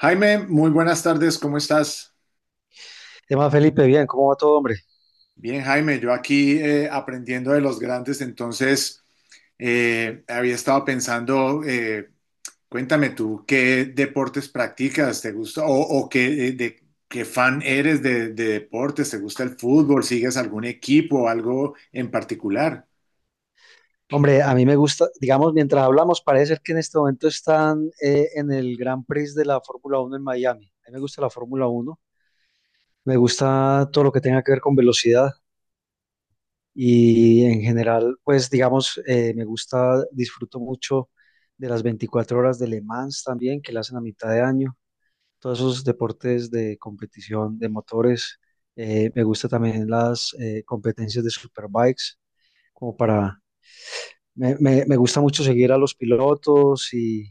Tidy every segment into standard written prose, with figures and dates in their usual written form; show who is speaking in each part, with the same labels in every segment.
Speaker 1: Jaime, muy buenas tardes, ¿cómo estás?
Speaker 2: ¿Qué más, Felipe? Bien, ¿cómo va todo, hombre?
Speaker 1: Bien, Jaime, yo aquí aprendiendo de los grandes, entonces había estado pensando, cuéntame tú, ¿qué deportes practicas? ¿Te gusta? ¿O qué, ¿qué fan eres de deportes? ¿Te gusta el fútbol? ¿Sigues algún equipo o algo en particular?
Speaker 2: Hombre, a mí me gusta, digamos, mientras hablamos, parece ser que en este momento están en el Gran Prix de la Fórmula Uno en Miami. A mí me gusta la Fórmula Uno, me gusta todo lo que tenga que ver con velocidad y en general, pues, digamos, me gusta, disfruto mucho de las 24 horas de Le Mans también, que la hacen a mitad de año. Todos esos deportes de competición de motores. Me gusta también las competencias de superbikes, como para Me gusta mucho seguir a los pilotos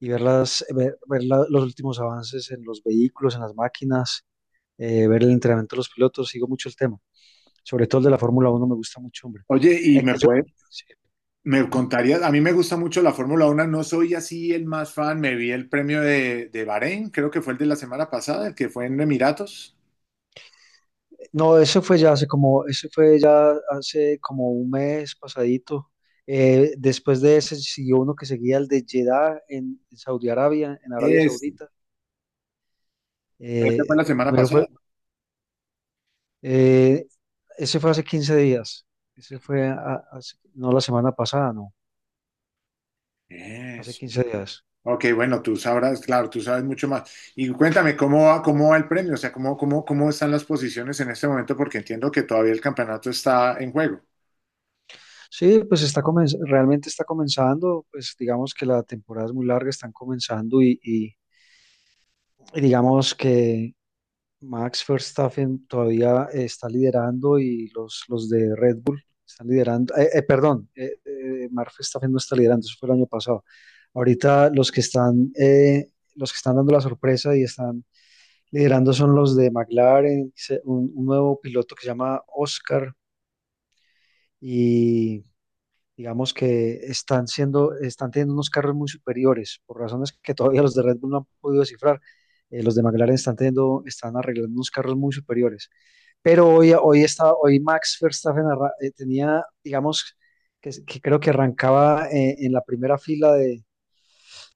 Speaker 2: y ver, los últimos avances en los vehículos, en las máquinas, ver el entrenamiento de los pilotos, sigo mucho el tema, sobre todo el de la Fórmula Uno me gusta mucho, hombre.
Speaker 1: Oye,
Speaker 2: Es que yo-
Speaker 1: me contarías, a mí me gusta mucho la Fórmula Uno. No soy así el más fan, me vi el premio de Bahrein, creo que fue el de la semana pasada, el que fue en Emiratos.
Speaker 2: no, eso fue ya eso fue ya hace como un mes pasadito. Después de ese siguió uno que seguía el de Jeddah en Saudi Arabia, en Arabia
Speaker 1: Este,
Speaker 2: Saudita.
Speaker 1: ese fue la
Speaker 2: Eh,
Speaker 1: semana
Speaker 2: primero
Speaker 1: pasada.
Speaker 2: fue, Eh, Ese fue hace 15 días. Ese fue, a- hace- No la semana pasada, no, hace
Speaker 1: Sí.
Speaker 2: 15 días.
Speaker 1: Ok, bueno, tú sabrás, claro, tú sabes mucho más. Y cuéntame, ¿cómo va el premio? O sea, ¿cómo están las posiciones en este momento? Porque entiendo que todavía el campeonato está en juego.
Speaker 2: Sí, pues realmente está comenzando, pues digamos que la temporada es muy larga, están comenzando y digamos que Max Verstappen todavía está liderando y los de Red Bull están liderando. Perdón, Max Verstappen no está liderando, eso fue el año pasado. Ahorita los que están dando la sorpresa y están liderando son los de McLaren, un nuevo piloto que se llama Oscar y digamos que están teniendo unos carros muy superiores por razones que todavía los de Red Bull no han podido descifrar. Los de McLaren están teniendo, están arreglando unos carros muy superiores. Pero hoy Max Verstappen tenía, digamos, que creo que arrancaba en la primera fila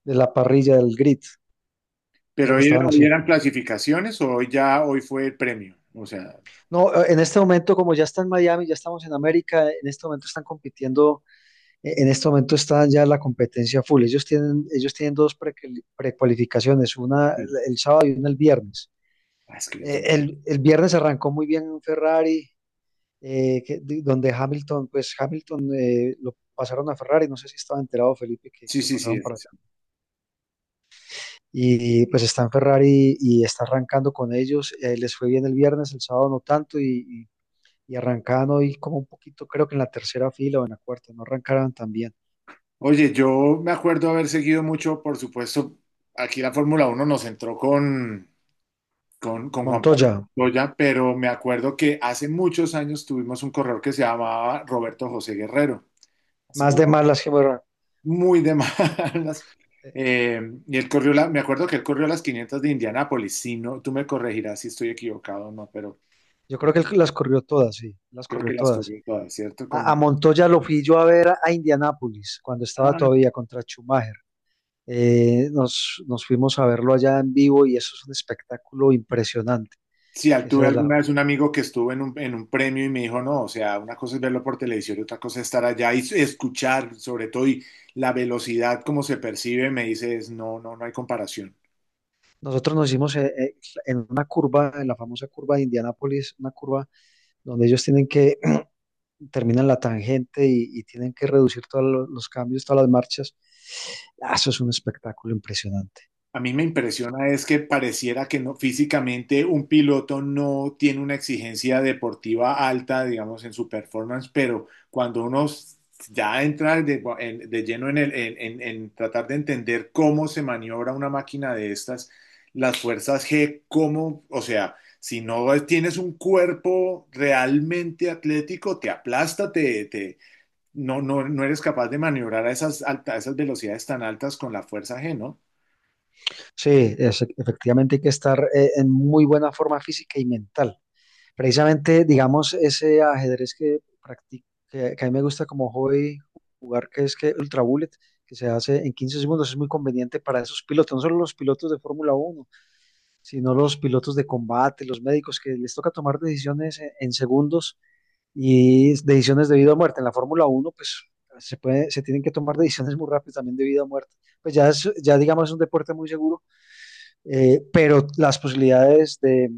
Speaker 2: de la parrilla del grid.
Speaker 1: Pero
Speaker 2: Creo que estaban
Speaker 1: hoy
Speaker 2: así.
Speaker 1: eran clasificaciones o hoy ya, hoy fue el premio. O sea,
Speaker 2: No, en este momento, como ya está en Miami, ya estamos en América, en este momento están compitiendo, en este momento está ya la competencia full. Ellos tienen dos prequali- precualificaciones, una
Speaker 1: sí.
Speaker 2: el sábado y una el viernes.
Speaker 1: Ah, es que es domingo.
Speaker 2: El viernes arrancó muy bien Ferrari, donde Hamilton, pues Hamilton lo pasaron a Ferrari, no sé si estaba enterado Felipe que
Speaker 1: Sí,
Speaker 2: lo
Speaker 1: sí, sí,
Speaker 2: pasaron para
Speaker 1: sí.
Speaker 2: allá. Y pues está en Ferrari y está arrancando con ellos, les fue bien el viernes, el sábado no tanto y arrancaban hoy como un poquito, creo que en la tercera fila o en la cuarta, no arrancaron tan bien.
Speaker 1: Oye, yo me acuerdo haber seguido mucho, por supuesto, aquí la Fórmula uno nos entró con... con Juan Pablo
Speaker 2: Montoya,
Speaker 1: Montoya, pero me acuerdo que hace muchos años tuvimos un corredor que se llamaba Roberto José Guerrero, hace
Speaker 2: más
Speaker 1: muy,
Speaker 2: de más las que bueno,
Speaker 1: muy de malas.
Speaker 2: eh,
Speaker 1: Eh, y me acuerdo que él corrió las 500 de Indianápolis. Si no, tú me corregirás si estoy equivocado o no, pero
Speaker 2: yo
Speaker 1: me
Speaker 2: creo que él
Speaker 1: parece-
Speaker 2: las corrió todas, sí, las
Speaker 1: creo
Speaker 2: corrió
Speaker 1: que las
Speaker 2: todas.
Speaker 1: corrió todas, ¿cierto?
Speaker 2: A,
Speaker 1: Como,
Speaker 2: a Montoya lo fui yo a ver a Indianápolis cuando estaba
Speaker 1: ah,
Speaker 2: todavía contra Schumacher. Nos fuimos a verlo allá en vivo y eso es un espectáculo impresionante.
Speaker 1: sí.
Speaker 2: Ese
Speaker 1: Tuve
Speaker 2: de la,
Speaker 1: alguna vez un amigo que estuvo en en un premio y me dijo, no, o sea, una cosa es verlo por televisión y otra cosa es estar allá y escuchar, sobre todo, y la velocidad como se percibe, me dice, es, no, no, no hay comparación.
Speaker 2: Nosotros nos hicimos en una curva, en la famosa curva de Indianápolis, una curva donde ellos tienen que terminan la tangente y tienen que reducir los cambios, todas las marchas. Ah, eso es un espectáculo impresionante.
Speaker 1: A mí me impresiona es que pareciera que no, físicamente un piloto no tiene una exigencia deportiva alta, digamos, en su performance, pero ya entra de lleno en, en tratar de entender cómo se maniobra una máquina de estas, las fuerzas G, cómo, o sea, si no tienes un cuerpo realmente atlético, te aplasta, no, no, no eres capaz de maniobrar a a esas velocidades tan altas con la fuerza G, ¿no?
Speaker 2: Sí, efectivamente hay que estar en muy buena forma física y mental. Precisamente, digamos, ese ajedrez que practico, que a mí me gusta como hobby jugar, que es que Ultra Bullet, que se hace en 15 segundos, es muy conveniente para esos pilotos, no solo los pilotos de Fórmula uno sino los pilotos de combate, los médicos, que les toca tomar decisiones en segundos y decisiones de vida o muerte. En la Fórmula uno pues se tienen que tomar decisiones muy rápidas también de vida o muerte. Pues ya, ya digamos es un deporte muy seguro, pero las posibilidades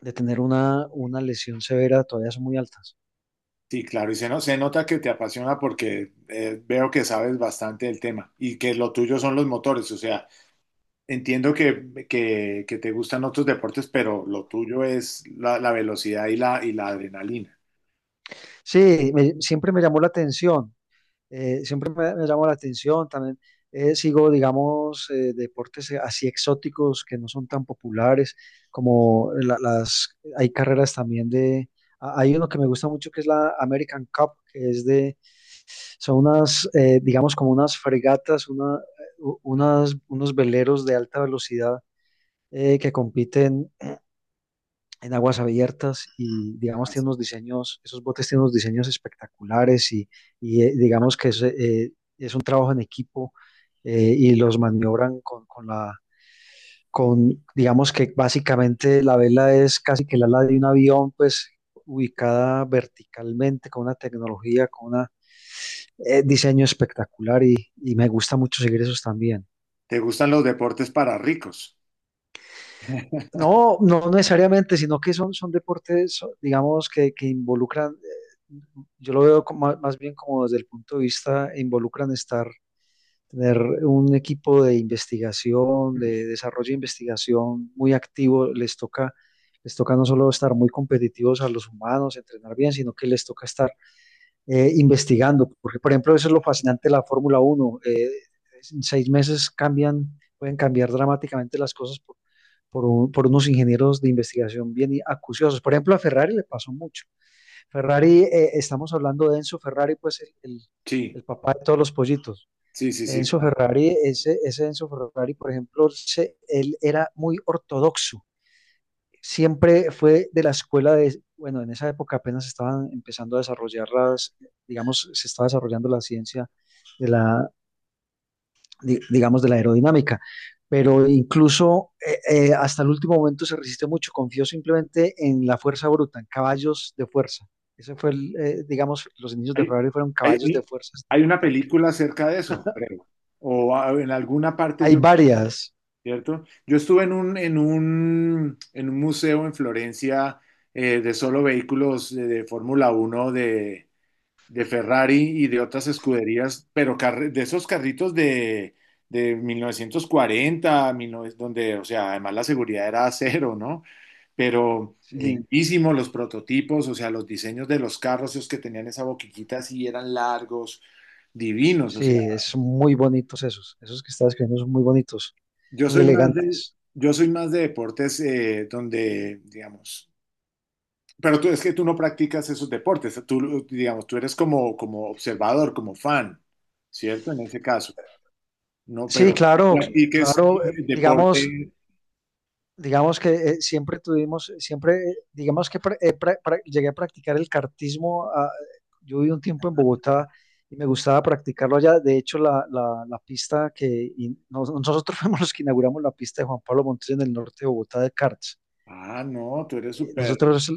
Speaker 2: de tener lesión severa todavía son muy altas.
Speaker 1: Sí, claro, y se, no- se nota que te apasiona porque veo que sabes bastante del tema y que lo tuyo son los motores, o sea, entiendo que te gustan otros deportes, pero lo tuyo es la velocidad y y la adrenalina.
Speaker 2: Sí, siempre me llamó la atención, siempre me llamó la atención. También sigo, digamos, deportes así exóticos que no son tan populares, como hay carreras también de, hay uno que me gusta mucho que es la American Cup, que es de, son unas, digamos, como unas fregatas, unos veleros de alta velocidad que compiten en aguas abiertas y digamos tiene
Speaker 1: Así.
Speaker 2: unos diseños, esos botes tienen unos diseños espectaculares digamos que es un trabajo en equipo y los maniobran con digamos que básicamente la vela es casi que el ala de un avión, pues ubicada verticalmente con una tecnología, con un diseño espectacular y me gusta mucho seguir esos también.
Speaker 1: Te gustan los deportes para ricos.
Speaker 2: No, no necesariamente, sino que son, son deportes, digamos, que involucran, eh, yo lo veo más bien como desde el punto de vista, involucran estar, tener un equipo de investigación, de desarrollo e investigación muy activo, les toca no solo estar muy competitivos a los humanos, entrenar bien, sino que les toca estar investigando, porque por ejemplo eso es lo fascinante de la Fórmula Uno. En 6 meses cambian, pueden cambiar dramáticamente las cosas por unos ingenieros de investigación acuciosos. Por ejemplo, a Ferrari le pasó mucho. Ferrari, estamos hablando de Enzo Ferrari, pues
Speaker 1: Sí,
Speaker 2: el papá de todos los pollitos.
Speaker 1: sí, sí, sí,
Speaker 2: Enzo
Speaker 1: claro.
Speaker 2: Ferrari, ese Enzo Ferrari, por ejemplo, él era muy ortodoxo. Siempre fue de la escuela de, bueno, en esa época apenas estaban empezando a desarrollar las, digamos, se estaba desarrollando la ciencia, digamos, de la aerodinámica. Pero incluso hasta el último momento se resistió mucho. Confió simplemente en la fuerza bruta, en caballos de fuerza. Ese fue digamos, los inicios de
Speaker 1: Hay,
Speaker 2: Ferrari fueron caballos de
Speaker 1: hay,
Speaker 2: fuerza, sin
Speaker 1: hay una
Speaker 2: importar qué.
Speaker 1: película acerca de eso, creo, o ah, en alguna parte
Speaker 2: Hay
Speaker 1: yo
Speaker 2: varias.
Speaker 1: ¿cierto? Yo estuve en en un museo en Florencia de solo vehículos de Fórmula Uno de Ferrari y de otras escuderías, pero de esos carritos de 1940, 19 donde, o sea, además la seguridad era cero, ¿no? Pero
Speaker 2: Sí,
Speaker 1: lindísimo los prototipos, o sea, los diseños de los carros, esos que tenían esa boquillita así eran largos, divinos, o
Speaker 2: sí, son muy bonitos esos. Esos que estás escribiendo son muy bonitos,
Speaker 1: Yo
Speaker 2: muy
Speaker 1: soy más de,
Speaker 2: elegantes.
Speaker 1: yo soy más de deportes donde, digamos, pero tú es que tú no practicas esos deportes, tú, digamos, tú eres como, como observador, como fan, ¿cierto? En ese caso, no,
Speaker 2: Sí,
Speaker 1: pero
Speaker 2: claro,
Speaker 1: practiques
Speaker 2: claro. Digamos,
Speaker 1: deporte.
Speaker 2: digamos que siempre tuvimos, siempre, digamos que llegué a practicar el cartismo. Ah, yo viví un tiempo en Bogotá y me gustaba practicarlo allá. De hecho, la pista que nosotros fuimos los que inauguramos la pista de Juan Pablo Montoya en el norte de Bogotá de karts.
Speaker 1: Ah, no, tú eres
Speaker 2: Eh,
Speaker 1: súper.
Speaker 2: Nosotros,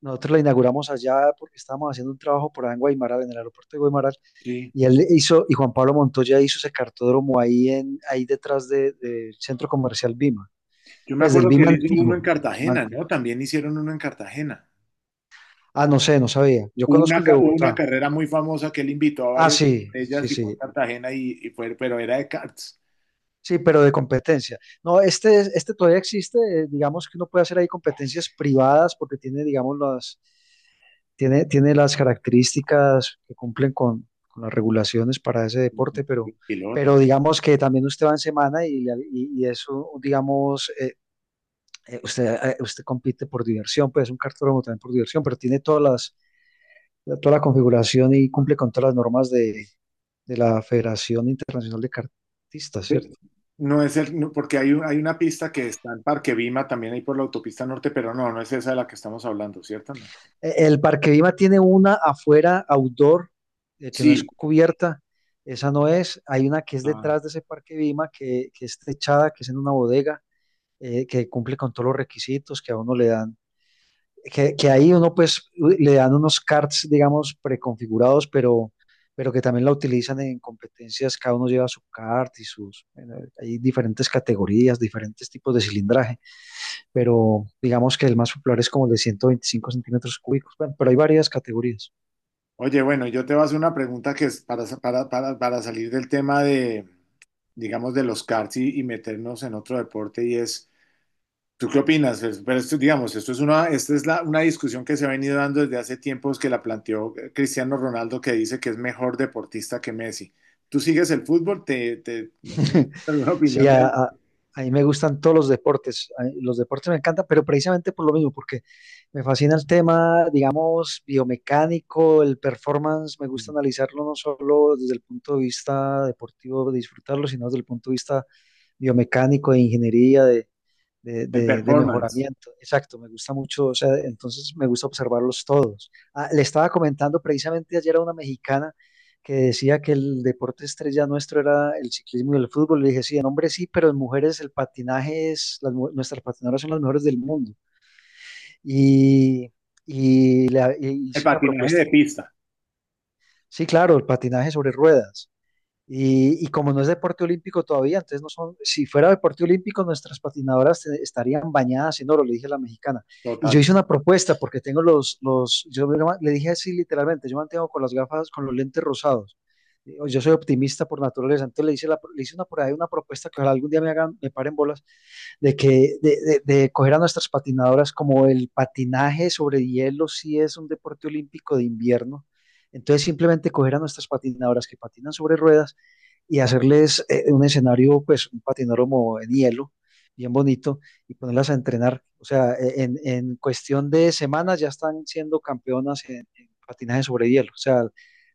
Speaker 2: Nosotros la inauguramos allá porque estábamos haciendo un trabajo por allá en Guaymaral, en el aeropuerto de Guaymaral.
Speaker 1: Sí.
Speaker 2: Y Juan Pablo Montoya hizo ese cartódromo ahí, ahí del centro comercial Bima,
Speaker 1: Yo me
Speaker 2: pues del
Speaker 1: acuerdo que
Speaker 2: Bima
Speaker 1: él hizo uno
Speaker 2: antiguo.
Speaker 1: en
Speaker 2: Bima
Speaker 1: Cartagena,
Speaker 2: antiguo.
Speaker 1: ¿no? También hicieron uno en Cartagena.
Speaker 2: Ah, no sé, no sabía. Yo conozco el de
Speaker 1: Hubo una
Speaker 2: Bogotá.
Speaker 1: carrera muy famosa que él invitó a
Speaker 2: Ah,
Speaker 1: varias
Speaker 2: sí,
Speaker 1: de
Speaker 2: sí,
Speaker 1: ellas y fue en
Speaker 2: sí.
Speaker 1: Cartagena y fue, pero era de karts,
Speaker 2: Sí, pero de competencia. No, este, este todavía existe. Digamos que uno puede hacer ahí competencias privadas porque tiene, digamos, las, tiene las características que cumplen con las regulaciones para ese deporte,
Speaker 1: el piloto.
Speaker 2: pero digamos que también usted va en semana y eso, digamos, usted, usted compite por diversión, pues es un cartódromo también por diversión, pero tiene todas las toda la configuración y cumple con todas las normas de la Federación Internacional de Cartistas, ¿cierto?
Speaker 1: No es el, no, porque hay una pista que está en Parque Vima, también ahí por la autopista norte, pero no, no es esa de la que estamos hablando, ¿cierto? No.
Speaker 2: El Parque Vima tiene una afuera, outdoor, que no es
Speaker 1: Sí.
Speaker 2: cubierta, esa no es, hay una que es
Speaker 1: Ah,
Speaker 2: detrás de ese Parque Vima, que es techada, que es en una bodega, que cumple con todos los requisitos que a uno le dan, que ahí uno pues le dan unos cards, digamos, preconfigurados, pero que también la utilizan en competencias, cada uno lleva su kart y sus, bueno, hay diferentes categorías, diferentes tipos de cilindraje, pero digamos que el más popular es como el de 125 centímetros cúbicos, bueno, pero hay varias categorías.
Speaker 1: oye, bueno, yo te voy a hacer una pregunta que es para salir del tema de, digamos, de los karts y meternos en otro deporte y es, ¿tú qué opinas? Pues, pero esto, digamos, esto es una, esta es la, una discusión que se ha venido dando desde hace tiempos que la planteó Cristiano Ronaldo, que dice que es mejor deportista que Messi. ¿Tú sigues el fútbol? ¿Alguna
Speaker 2: Sí,
Speaker 1: opinión de,
Speaker 2: a mí me gustan todos los deportes, a los deportes me encantan, pero precisamente por lo mismo, porque me fascina el tema, digamos, biomecánico, el performance, me gusta analizarlo no solo desde el punto de vista deportivo, de disfrutarlo, sino desde el punto de vista biomecánico, de ingeniería,
Speaker 1: del
Speaker 2: de
Speaker 1: performance?
Speaker 2: mejoramiento. Exacto, me gusta mucho, o sea, entonces me gusta observarlos todos. Ah, le estaba comentando precisamente ayer a una mexicana que decía que el deporte estrella nuestro era el ciclismo y el fútbol. Le dije, sí, en hombres sí, pero en mujeres el patinaje es, nuestras patinadoras son las mejores del mundo. Y, e
Speaker 1: El
Speaker 2: hice una
Speaker 1: patinaje
Speaker 2: propuesta.
Speaker 1: de pista,
Speaker 2: Sí, claro, el patinaje sobre ruedas. Y como no es deporte olímpico todavía, entonces no son, si fuera deporte olímpico, nuestras patinadoras estarían bañadas en oro, le dije a la mexicana. Y yo
Speaker 1: total.
Speaker 2: hice una propuesta porque tengo yo le dije así literalmente, yo mantengo con las gafas, con los lentes rosados. Yo soy optimista por naturaleza, entonces le hice una, por ahí una propuesta que ojalá algún día me hagan, me paren bolas, de que, de coger a nuestras patinadoras como el patinaje sobre hielo, si es un deporte olímpico de invierno. Entonces simplemente coger a nuestras patinadoras que patinan sobre ruedas y hacerles un escenario, pues un patinódromo en hielo, bien bonito, y ponerlas a entrenar. O sea, en cuestión de semanas ya están siendo campeonas en patinaje sobre hielo. O sea,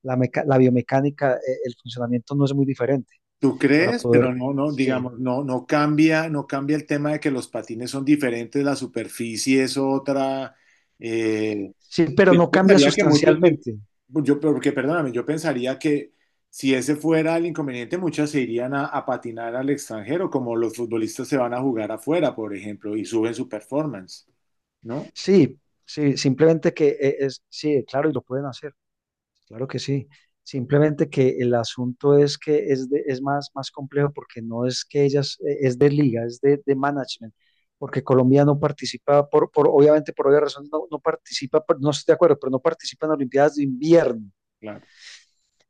Speaker 2: la biomecánica, el funcionamiento no es muy diferente
Speaker 1: ¿Tú
Speaker 2: para
Speaker 1: crees?
Speaker 2: poder...
Speaker 1: Pero no, no,
Speaker 2: Sí,
Speaker 1: digamos, no cambia, no cambia el tema de que los patines son diferentes, la superficie es otra. Eh,
Speaker 2: sí, pero
Speaker 1: pues,
Speaker 2: no cambia sustancialmente.
Speaker 1: yo, porque perdóname, yo pensaría que si ese fuera el inconveniente, muchas se irían a patinar al extranjero, como los futbolistas se van a jugar afuera, por ejemplo, y suben su performance, ¿no?
Speaker 2: Sí, sí, simplemente que sí, claro, y lo pueden hacer. Claro que sí. Simplemente que el asunto es que es más, más complejo porque no es que ellas, es de liga, es de management, porque Colombia no participa, obviamente por obvias razones no participa, por- no estoy de acuerdo, pero no participa en Olimpiadas de invierno.
Speaker 1: Claro.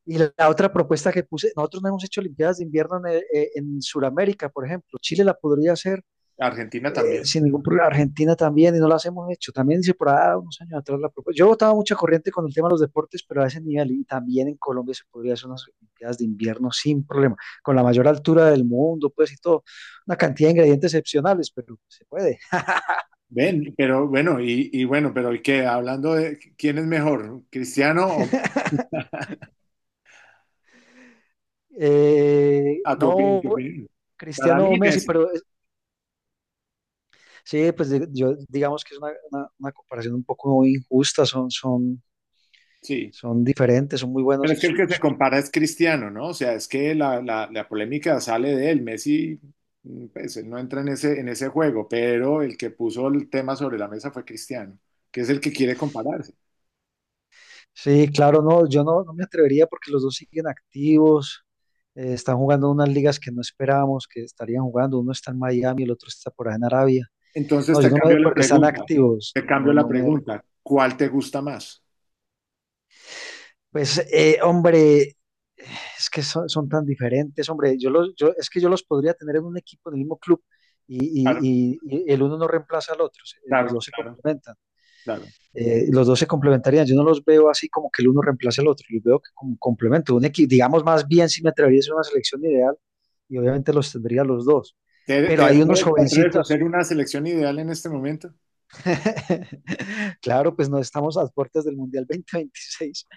Speaker 2: Y la otra propuesta que puse, nosotros no hemos hecho Olimpiadas de invierno en Sudamérica, por ejemplo. Chile la podría hacer,
Speaker 1: Argentina también.
Speaker 2: sin ningún problema. Argentina también, y no las hemos hecho. También hice por ahí unos años atrás la propuesta. Yo estaba mucha corriente con el tema de los deportes, pero a ese nivel, y también en Colombia se podría hacer unas Olimpiadas de invierno sin problema, con la mayor altura del mundo, pues y todo. Una cantidad de ingredientes excepcionales, pero se puede.
Speaker 1: Ven, pero bueno, y bueno, pero ¿y qué? Hablando de quién es mejor, Cristiano o a tu opinión,
Speaker 2: No.
Speaker 1: tu opinión. Para
Speaker 2: Cristiano o
Speaker 1: mí
Speaker 2: Messi,
Speaker 1: Messi,
Speaker 2: pero sí, pues yo digamos que es una comparación un poco injusta, son,
Speaker 1: sí.
Speaker 2: son diferentes, son muy buenos
Speaker 1: Pero es
Speaker 2: en
Speaker 1: que el
Speaker 2: su.
Speaker 1: que se compara es Cristiano, ¿no? O sea, es que la polémica sale de él. Messi, mm, pues, él no entra en en ese juego, pero el que puso el tema sobre la mesa fue Cristiano, que es el que quiere compararse.
Speaker 2: Sí, claro, no, yo no, no me atrevería porque los dos siguen activos, están jugando unas ligas que no esperábamos que estarían jugando, uno está en Miami, el otro está por allá en Arabia.
Speaker 1: Entonces
Speaker 2: No, yo no me, porque están activos,
Speaker 1: te cambio la
Speaker 2: no me...
Speaker 1: pregunta, ¿cuál te gusta más?
Speaker 2: Pues, hombre, es que son tan diferentes, hombre, es que yo los podría tener en un equipo, en el mismo club, y,
Speaker 1: Claro,
Speaker 2: y el uno no reemplaza al otro, los
Speaker 1: claro,
Speaker 2: dos se
Speaker 1: claro,
Speaker 2: complementan.
Speaker 1: claro.
Speaker 2: Los dos se complementarían. Yo no los veo así como que el uno reemplace al otro. Los veo que como complemento. Un equipo, digamos más bien, si me atrevería a hacer una selección ideal, y obviamente los tendría los dos. Pero hay unos
Speaker 1: ¿Te atreves a
Speaker 2: jovencitos.
Speaker 1: hacer una selección ideal en este momento?
Speaker 2: Claro, pues no estamos a las puertas del Mundial 2026,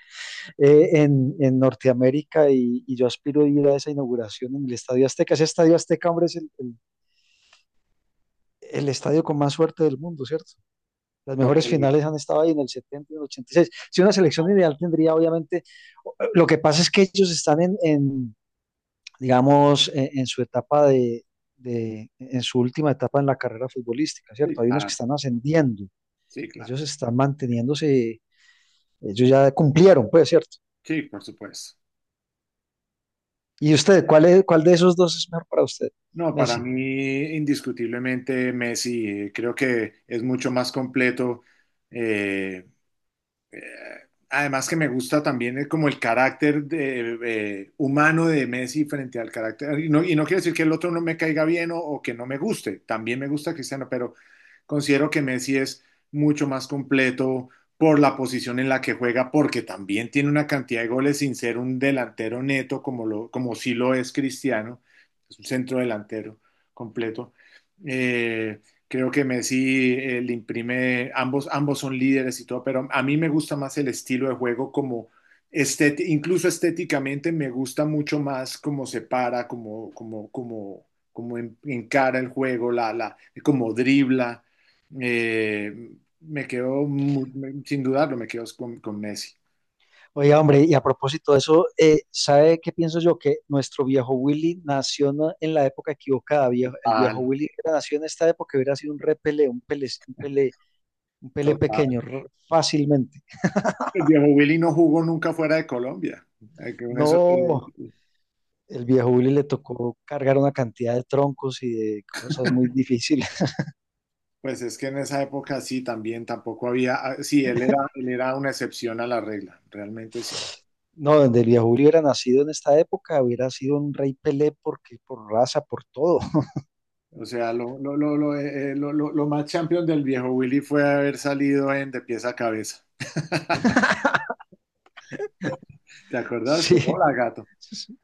Speaker 2: en Norteamérica y yo aspiro a ir a esa inauguración en el Estadio Azteca. Ese Estadio Azteca, hombre, el estadio con más suerte del mundo, ¿cierto? Las mejores
Speaker 1: Porque
Speaker 2: finales han estado ahí en el 70 y en el 86. Si una selección ideal tendría, obviamente, lo que pasa es que ellos están en digamos, su etapa de, en su última etapa en la carrera futbolística,
Speaker 1: sí,
Speaker 2: ¿cierto? Hay unos
Speaker 1: claro,
Speaker 2: que están ascendiendo,
Speaker 1: sí, claro,
Speaker 2: ellos están manteniéndose, ellos ya cumplieron, pues, ¿cierto?
Speaker 1: sí, por supuesto.
Speaker 2: ¿Y usted, cuál de esos dos es mejor para usted,
Speaker 1: No, para
Speaker 2: Messi?
Speaker 1: mí indiscutiblemente Messi. Eh, creo que es mucho más completo, eh, eh, además que me gusta también como el carácter de, humano de Messi frente al carácter, y no quiere decir que el otro no me caiga bien o que no me guste, también me gusta Cristiano, pero considero que Messi es mucho más completo por la posición en la que juega, porque también tiene una cantidad de goles sin ser un delantero neto como, lo, como sí lo es Cristiano, es un centro delantero completo. Eh, Creo que Messi le imprime, ambos, ambos son líderes y todo, pero a mí me gusta más el estilo de juego como incluso estéticamente me gusta mucho más cómo se para, como encara el juego, como dribla. Eh, me quedo, mu- me- sin dudarlo, me quedo con Messi.
Speaker 2: Oiga, hombre, y a propósito de eso, ¿sabe qué pienso yo? Que nuestro viejo Willy en la época equivocada. Viejo, el viejo
Speaker 1: Total,
Speaker 2: Willy hubiera nació en esta época, hubiera sido un repele, un pele
Speaker 1: total.
Speaker 2: pequeño, r- fácilmente.
Speaker 1: El viejo Willy no jugó nunca fuera de Colombia. Que Con eso te-
Speaker 2: No, el viejo Willy le tocó cargar una cantidad de troncos y de cosas muy difíciles.
Speaker 1: Pues es que en esa época sí, también tampoco había, ah, sí, él era una excepción a la regla, realmente sí.
Speaker 2: No, donde el viejo Willy hubiera nacido en esta época, hubiera sido un rey Pelé porque por raza, por todo.
Speaker 1: O sea, lo más champion del viejo Willy fue haber salido en de pies a cabeza. ¿Te acordás?
Speaker 2: Sí,
Speaker 1: Hola, gato.
Speaker 2: sí.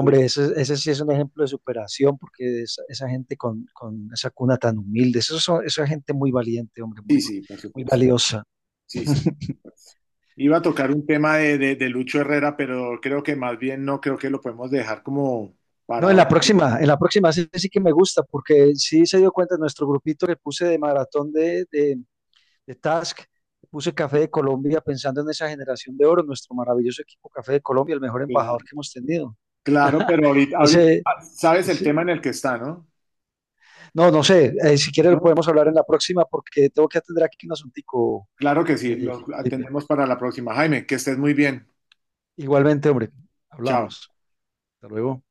Speaker 1: Sí,
Speaker 2: ese sí es un ejemplo de superación porque esa gente con esa cuna tan humilde, esa gente muy valiente, hombre,
Speaker 1: sí,
Speaker 2: muy,
Speaker 1: sí, por
Speaker 2: muy
Speaker 1: supuesto.
Speaker 2: valiosa.
Speaker 1: Sí, sí, por supuesto. Iba a tocar un tema de Lucho Herrera, pero creo que más bien no creo que lo podemos dejar como
Speaker 2: No,
Speaker 1: para... otro.
Speaker 2: en la próxima sí, sí que me gusta porque sí se dio cuenta nuestro grupito que puse de maratón de Task. Puse Café de Colombia pensando en esa generación de oro, nuestro maravilloso equipo Café de Colombia, el mejor embajador que hemos tenido.
Speaker 1: Claro, pero ahorita, ahorita
Speaker 2: Ese,
Speaker 1: sabes el
Speaker 2: ese
Speaker 1: tema en el que está, ¿no?
Speaker 2: no, no sé, si quieres lo
Speaker 1: No,
Speaker 2: podemos hablar en la próxima porque tengo que atender aquí un asuntico,
Speaker 1: claro que sí, los
Speaker 2: Felipe.
Speaker 1: atendemos para la próxima. Jaime, que estés muy bien.
Speaker 2: Igualmente, hombre,
Speaker 1: Chao.
Speaker 2: hablamos. Hasta luego.